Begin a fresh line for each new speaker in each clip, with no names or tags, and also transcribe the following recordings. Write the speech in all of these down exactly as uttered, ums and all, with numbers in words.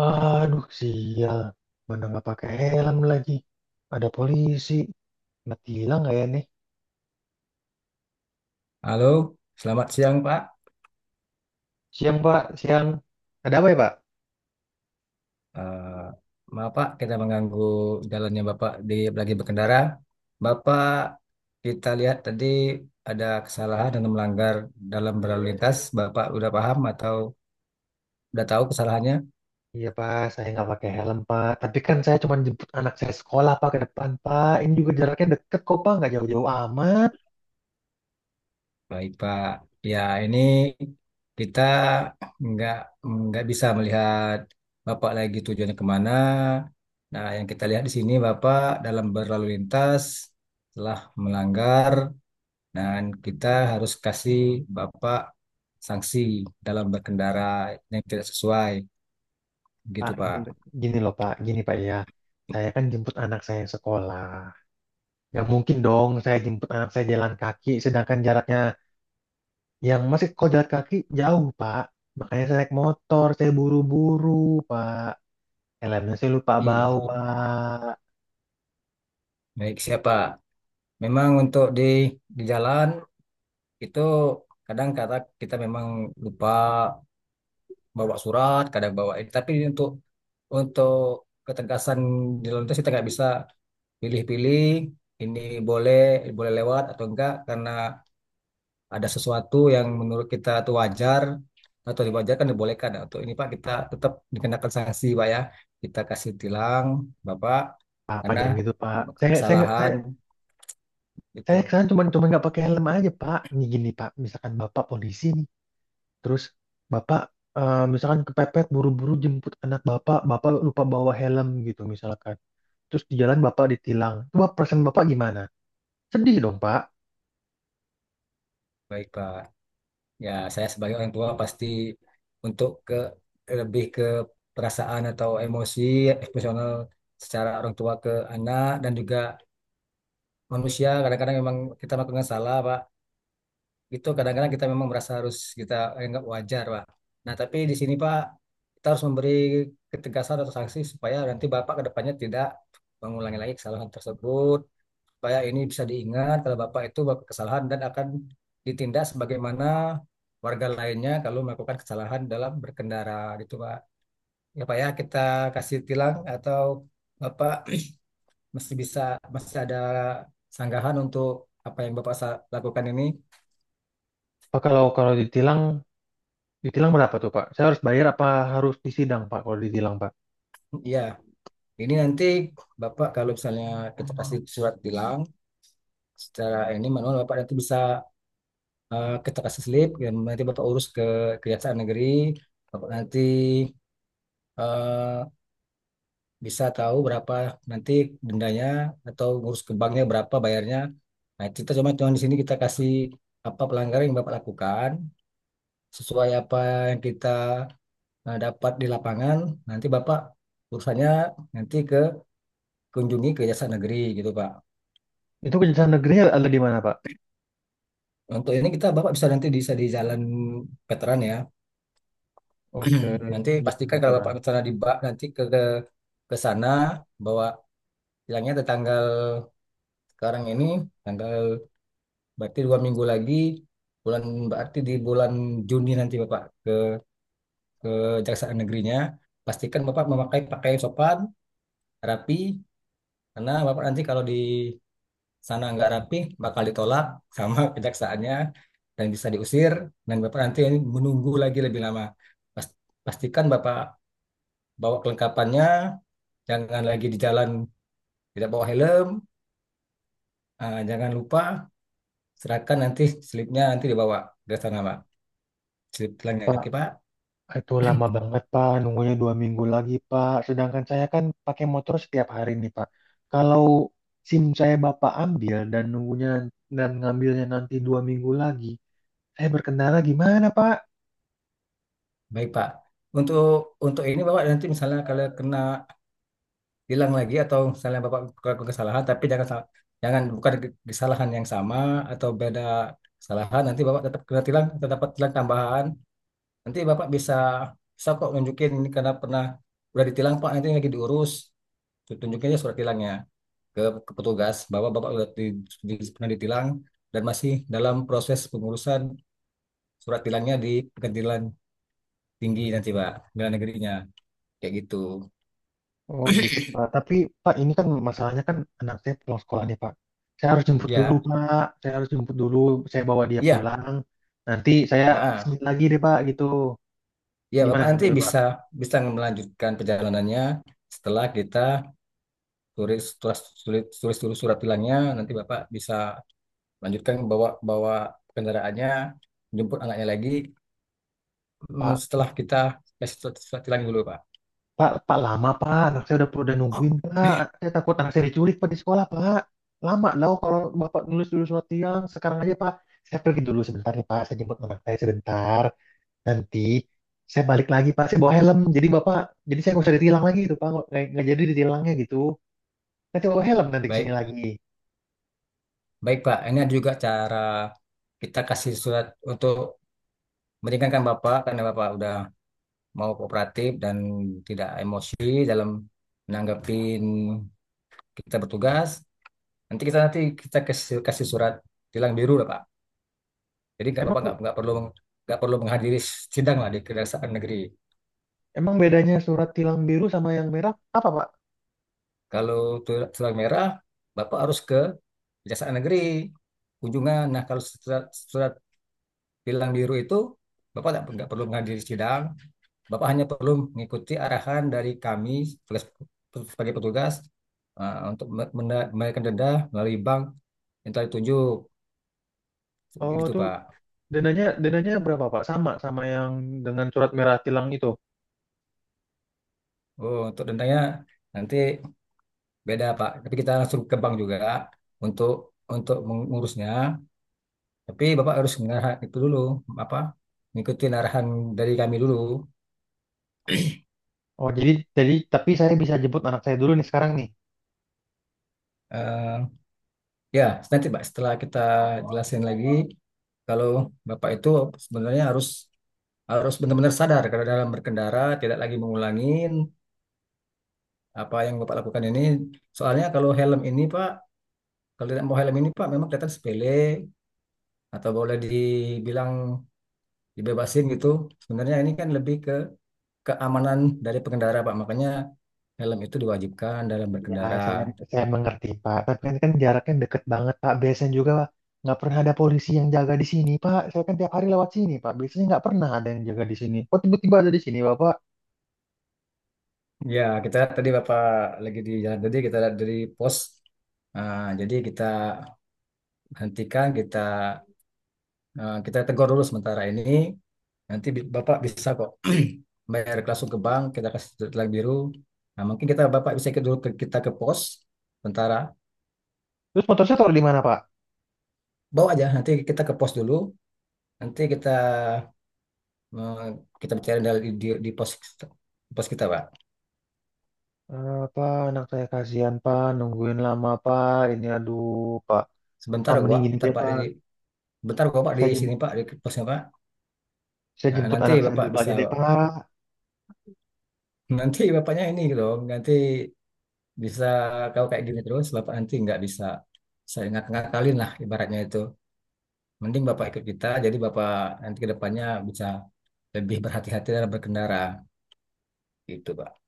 Aduh, sial. Mana nggak pakai helm lagi. Ada polisi. Mati hilang nggak ya nih?
Halo, selamat siang Pak.
Siang, Pak. Siang. Ada apa ya, Pak?
Eh, Maaf Pak, kita mengganggu jalannya Bapak di lagi berkendara. Bapak, kita lihat tadi ada kesalahan dan melanggar dalam berlalu lintas. Bapak udah paham atau udah tahu kesalahannya?
Iya, Pak. Saya nggak pakai helm, Pak. Tapi kan saya cuma jemput anak saya sekolah, Pak, ke depan, Pak. Ini juga jaraknya deket kok, Pak. Nggak jauh-jauh amat.
Baik Pak. Ya ini kita nggak nggak bisa melihat Bapak lagi tujuannya kemana. Nah, yang kita lihat di sini Bapak dalam berlalu lintas telah melanggar. Dan kita harus kasih Bapak sanksi dalam berkendara yang tidak sesuai. Gitu,
Pak,
Pak.
gini, gini loh, Pak. Gini, Pak, ya. Saya kan jemput anak saya sekolah. Nggak mungkin dong saya jemput anak saya jalan kaki, sedangkan jaraknya yang masih kalau jalan kaki jauh, Pak. Makanya saya naik motor, saya buru-buru, Pak. Helmnya saya lupa
Iya.
bawa.
Baik, siapa? Memang untuk di di jalan itu kadang kata kita memang lupa bawa surat, kadang bawa ini. Tapi untuk untuk ketegasan di lalu lintas kita nggak bisa pilih-pilih ini boleh boleh lewat atau enggak karena ada sesuatu yang menurut kita itu wajar atau diwajarkan dibolehkan atau ini Pak, kita tetap dikenakan sanksi Pak, ya kita kasih tilang Bapak
Apa
karena
jangan gitu, Pak. Saya nggak- saya nggak- saya
kesalahan gitu.
saya kesana cuma cuma nggak pakai helm aja, Pak. Nih gini, Pak. Misalkan Bapak polisi nih, terus Bapak eh, misalkan kepepet buru-buru jemput anak Bapak, Bapak lupa bawa helm gitu misalkan. Terus di jalan Bapak ditilang. Coba perasaan Bapak gimana? Sedih dong, Pak.
Baik Pak, ya saya sebagai orang tua pasti untuk ke lebih ke perasaan atau emosi emosional secara orang tua ke anak dan juga manusia kadang-kadang memang kita melakukan salah Pak, gitu kadang-kadang kita memang merasa harus kita anggap wajar Pak. Nah tapi di sini Pak, kita harus memberi ketegasan atau sanksi supaya nanti Bapak ke depannya tidak mengulangi lagi kesalahan tersebut, supaya ini bisa diingat kalau Bapak itu melakukan kesalahan dan akan ditindak sebagaimana warga lainnya kalau melakukan kesalahan dalam berkendara, gitu Pak. Ya Pak, ya kita kasih tilang atau Bapak masih bisa masih ada sanggahan untuk apa yang Bapak sa- lakukan ini.
Pak, kalau kalau ditilang, ditilang berapa tuh, Pak? Saya harus bayar apa harus disidang, Pak, kalau ditilang, Pak?
Iya. Ini nanti Bapak kalau misalnya kita kasih surat tilang secara ini manual, Bapak nanti bisa eh, kita kasih slip dan nanti Bapak urus ke Kejaksaan Negeri. Bapak nanti eh, bisa tahu berapa nanti dendanya atau urus ke banknya berapa bayarnya. Nah, kita cuma cuma di sini kita kasih apa pelanggaran yang Bapak lakukan sesuai apa yang kita eh, dapat di lapangan. Nanti Bapak urusannya nanti ke kunjungi ke Kejaksaan Negeri, gitu Pak.
Itu kejaksaan negerinya ada di mana, Pak?
Untuk ini kita Bapak bisa nanti bisa di Jalan Veteran ya.
Oke,
Nanti
kejaksaan
pastikan kalau
veteran.
Bapak ke sana di bak nanti ke ke ke sana bawa, bilangnya ada tanggal sekarang ini, tanggal berarti dua minggu lagi, bulan berarti di bulan Juni nanti Bapak ke ke Kejaksaan Negerinya, pastikan Bapak memakai pakaian sopan rapi, karena Bapak nanti kalau di sana nggak rapi bakal ditolak sama kejaksaannya dan bisa diusir dan Bapak nanti ini menunggu lagi lebih lama. Pas- Pastikan Bapak bawa kelengkapannya, jangan lagi di jalan tidak bawa helm. Ah, jangan lupa serahkan nanti slipnya, nanti dibawa ke sana Pak, slip pelanggan.
Pak,
Oke Pak,
itu lama banget, Pak. Nunggunya dua minggu lagi, Pak. Sedangkan saya kan pakai motor setiap hari nih, Pak. Kalau SIM saya Bapak ambil dan nunggunya dan ngambilnya nanti dua minggu lagi, saya berkendara gimana, Pak?
baik Pak. Untuk untuk ini Bapak nanti misalnya kalau kena bilang lagi atau misalnya Bapak melakukan kesalahan, tapi jangan sa- jangan bukan kesalahan yang sama atau beda kesalahan, nanti Bapak tetap kena tilang atau dapat tilang tambahan, nanti Bapak bisa bisa kok nunjukin ini karena pernah udah ditilang Pak, nanti lagi diurus, tunjukin aja surat tilangnya ke, ke petugas bahwa Bapak udah di- di- pernah ditilang dan masih dalam proses pengurusan surat tilangnya di pengadilan tinggi nanti Pak, pengadilan negerinya kayak gitu.
Oh gitu, Pak. Tapi, Pak, ini kan masalahnya kan anak saya pulang sekolah nih, Pak. Saya harus jemput dulu,
Ya.
Pak. Saya harus jemput dulu. Saya bawa dia
Iya.
pulang. Nanti saya
Heeh.
kesini lagi deh, Pak, gitu.
Ya,
Gimana
Bapak
kalau
nanti
gitu, Pak?
bisa bisa melanjutkan perjalanannya setelah kita tulis tulis tulis tulis, tulis surat tilangnya. Nanti Bapak bisa lanjutkan, bawa bawa kendaraannya, jemput anaknya lagi. Hmm,
Pak,
Setelah kita kasih surat, surat tilang dulu, Pak.
Pak, Pak lama Pak, anak saya udah udah
Oh,
nungguin Pak. Saya takut anak saya diculik Pak di sekolah Pak. Lama loh kalau Bapak nulis dulu surat tiang. Sekarang aja Pak, saya pergi dulu sebentar ya Pak. Saya jemput anak saya sebentar. Nanti saya balik lagi Pak. Saya bawa helm. Jadi Bapak, jadi saya nggak usah ditilang lagi itu Pak. Nggak, nggak nggak jadi ditilangnya gitu. Nanti bawa helm nanti ke sini
baik,
lagi.
baik Pak. Ini ada juga cara kita kasih surat untuk meringankan Bapak, karena Bapak udah mau kooperatif dan tidak emosi dalam menanggapi kita bertugas. Nanti kita nanti kita kasih kasih surat tilang biru lah Pak. Jadi nggak
Emang
apa-apa, nggak nggak perlu meng- nggak perlu menghadiri sidang lah di Kejaksaan Negeri.
emang bedanya surat tilang biru sama yang merah apa Pak?
Kalau tu- tilang merah, Bapak harus ke Kejaksaan Negeri kunjungan. Nah kalau surat, surat tilang biru itu Bapak nggak nggak perlu menghadiri sidang. Bapak hanya perlu mengikuti arahan dari kami sebagai sebagai petugas eh, untuk me- menda- membayarkan denda melalui bank yang telah ditunjuk.
Oh
Gitu
tuh
Pak.
dananya dananya berapa Pak? Sama sama yang dengan surat merah tilang itu.
Oh, untuk dendanya nanti. Beda Pak, tapi kita langsung ke bank juga untuk untuk mengurusnya. Tapi Bapak harus mengarah itu dulu apa? Mengikuti arahan dari kami dulu.
Oh, jadi jadi tapi saya bisa jemput anak saya dulu nih sekarang nih.
Eh, Ya, nanti Pak setelah kita jelasin lagi kalau Bapak itu sebenarnya harus harus benar-benar sadar karena dalam berkendara tidak lagi mengulangin apa yang Bapak lakukan ini. Soalnya kalau helm ini Pak, kalau tidak mau helm ini Pak, memang kelihatan sepele atau boleh dibilang dibebasin gitu. Sebenarnya ini kan lebih ke keamanan dari pengendara, Pak. Makanya helm itu diwajibkan dalam
Iya,
berkendara.
saya saya mengerti, Pak. Tapi ini kan jaraknya deket banget, Pak. Biasanya juga nggak pernah ada polisi yang jaga di sini, Pak. Saya kan tiap hari lewat sini, Pak. Biasanya nggak pernah ada yang jaga di sini. Kok tiba-tiba ada di sini, Bapak?
Ya, kita tadi Bapak lagi di jalan, tadi kita lihat dari pos. Nah, jadi kita hentikan, kita eh, kita tegur dulu sementara ini. Nanti bi- Bapak bisa kok bayar langsung ke bank, kita kasih tilang biru. Nah, mungkin kita Bapak bisa ikut dulu ke kita ke pos sementara.
Terus motor saya taruh di mana, Pak?
Bawa aja nanti kita ke pos dulu. Nanti kita eh, kita bicara di, di, di pos pos kita, Pak.
Eh, Pak, anak saya kasihan, Pak. Nungguin lama, Pak. Ini aduh, Pak.
Sebentar
Pak,
kok,
mending
Pak.
gini
Bentar,
deh,
Pak.
Pak.
Di, bentar kok, Pak, di
Saya
sini,
jem-
Pak, di posnya, Pak.
saya
Nah,
jemput
nanti
anak saya
Bapak
dulu
bisa,
aja deh, Pak.
nanti Bapaknya ini gitu, nanti bisa, kalau kayak gini terus, Bapak nanti nggak bisa, saya ngakak-ngakalin lah ibaratnya itu. Mending Bapak ikut kita, jadi Bapak nanti ke depannya bisa lebih berhati-hati dalam berkendara, gitu, Pak.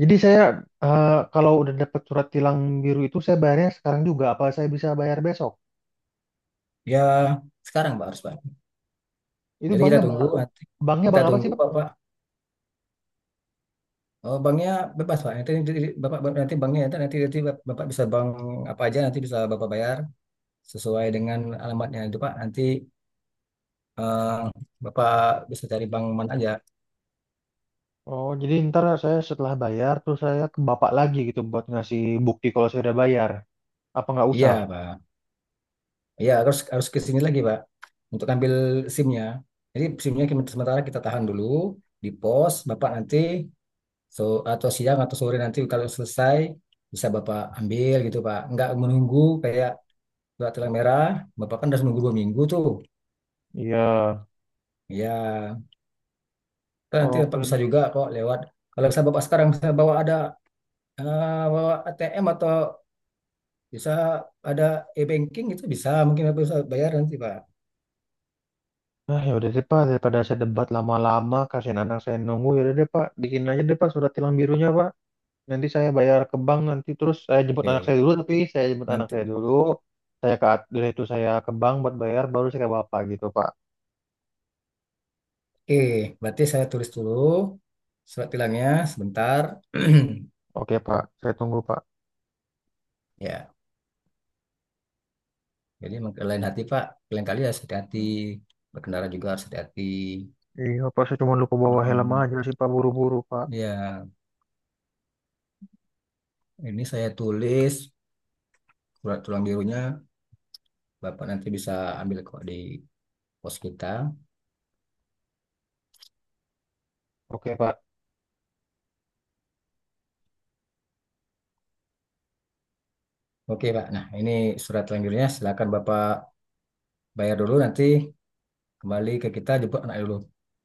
Jadi saya eh, kalau udah dapat surat tilang biru itu saya bayarnya sekarang juga apa saya bisa bayar besok?
Ya, sekarang, Pak, harus, Pak.
Itu
Jadi kita
banknya bang,
tunggu, nanti
banknya
kita
bank apa
tunggu,
sih bang?
Bapak. Oh, banknya bebas, Pak. Nanti, nanti- nanti Bapak nanti banknya nanti nanti, nanti Bapak bisa bank apa aja, nanti bisa Bapak bayar sesuai dengan alamatnya itu Pak. Nanti eh, Bapak bisa cari Bang Man aja.
Oh jadi ntar saya setelah bayar terus saya ke bapak lagi gitu buat ngasih bukti kalau saya udah bayar. Apa nggak usah?
Iya Pak. Iya harus harus ke sini lagi Pak untuk ambil SIM-nya. Jadi SIM-nya kita- sementara kita tahan dulu di pos. Bapak nanti so atau siang atau sore nanti kalau selesai bisa Bapak ambil, gitu Pak. Nggak menunggu kayak surat tilang merah. Bapak kan harus menunggu dua minggu tuh.
Iya.
Iya. Kan nanti Bapak bisa
Oke.
juga kok lewat. Kalau bisa Bapak sekarang bisa bawa ada eh, bawa a t m atau bisa ada e-banking itu bisa, mungkin aku bisa bayar nanti Pak.
Nah ya udah deh pak daripada saya debat lama-lama kasihan anak saya nunggu ya udah deh pak bikin aja deh pak surat tilang birunya pak. Nanti saya bayar ke bank nanti terus saya jemput anak saya
Oke,
dulu tapi saya jemput anak saya
nanti.
dulu saya ke at- dari itu saya ke bank buat bayar baru saya ke bapak gitu Pak.
Oke, berarti saya tulis dulu surat tilangnya sebentar.
Oke Pak, saya tunggu Pak.
Ya, jadi emang lain hati Pak, lain kali harus hati-hati. Berkendara juga harus hati-hati.
Iya Pak, saya cuma lupa bawa helm
Mm-mm.
aja sih Pak buru-buru Pak.
Ya, ini saya tulis surat tulang birunya. Bapak nanti bisa ambil kok di pos kita.
Oke Pak.
Oke Pak, nah ini surat tulang birunya. Silakan Bapak bayar dulu, nanti kembali ke kita, jemput anak dulu.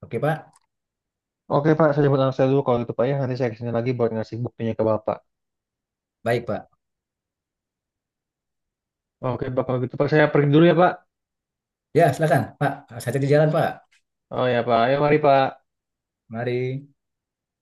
Oke Pak.
Oke Pak, saya jemput anak saya dulu kalau gitu Pak ya nanti saya kesini lagi buat ngasih buktinya ke bapak.
Baik, Pak.
Oke Pak, kalau gitu Pak saya pergi dulu ya Pak.
Ya, silakan, Pak. Saya di jalan, Pak.
Oh ya Pak, ayo mari Pak.
Mari.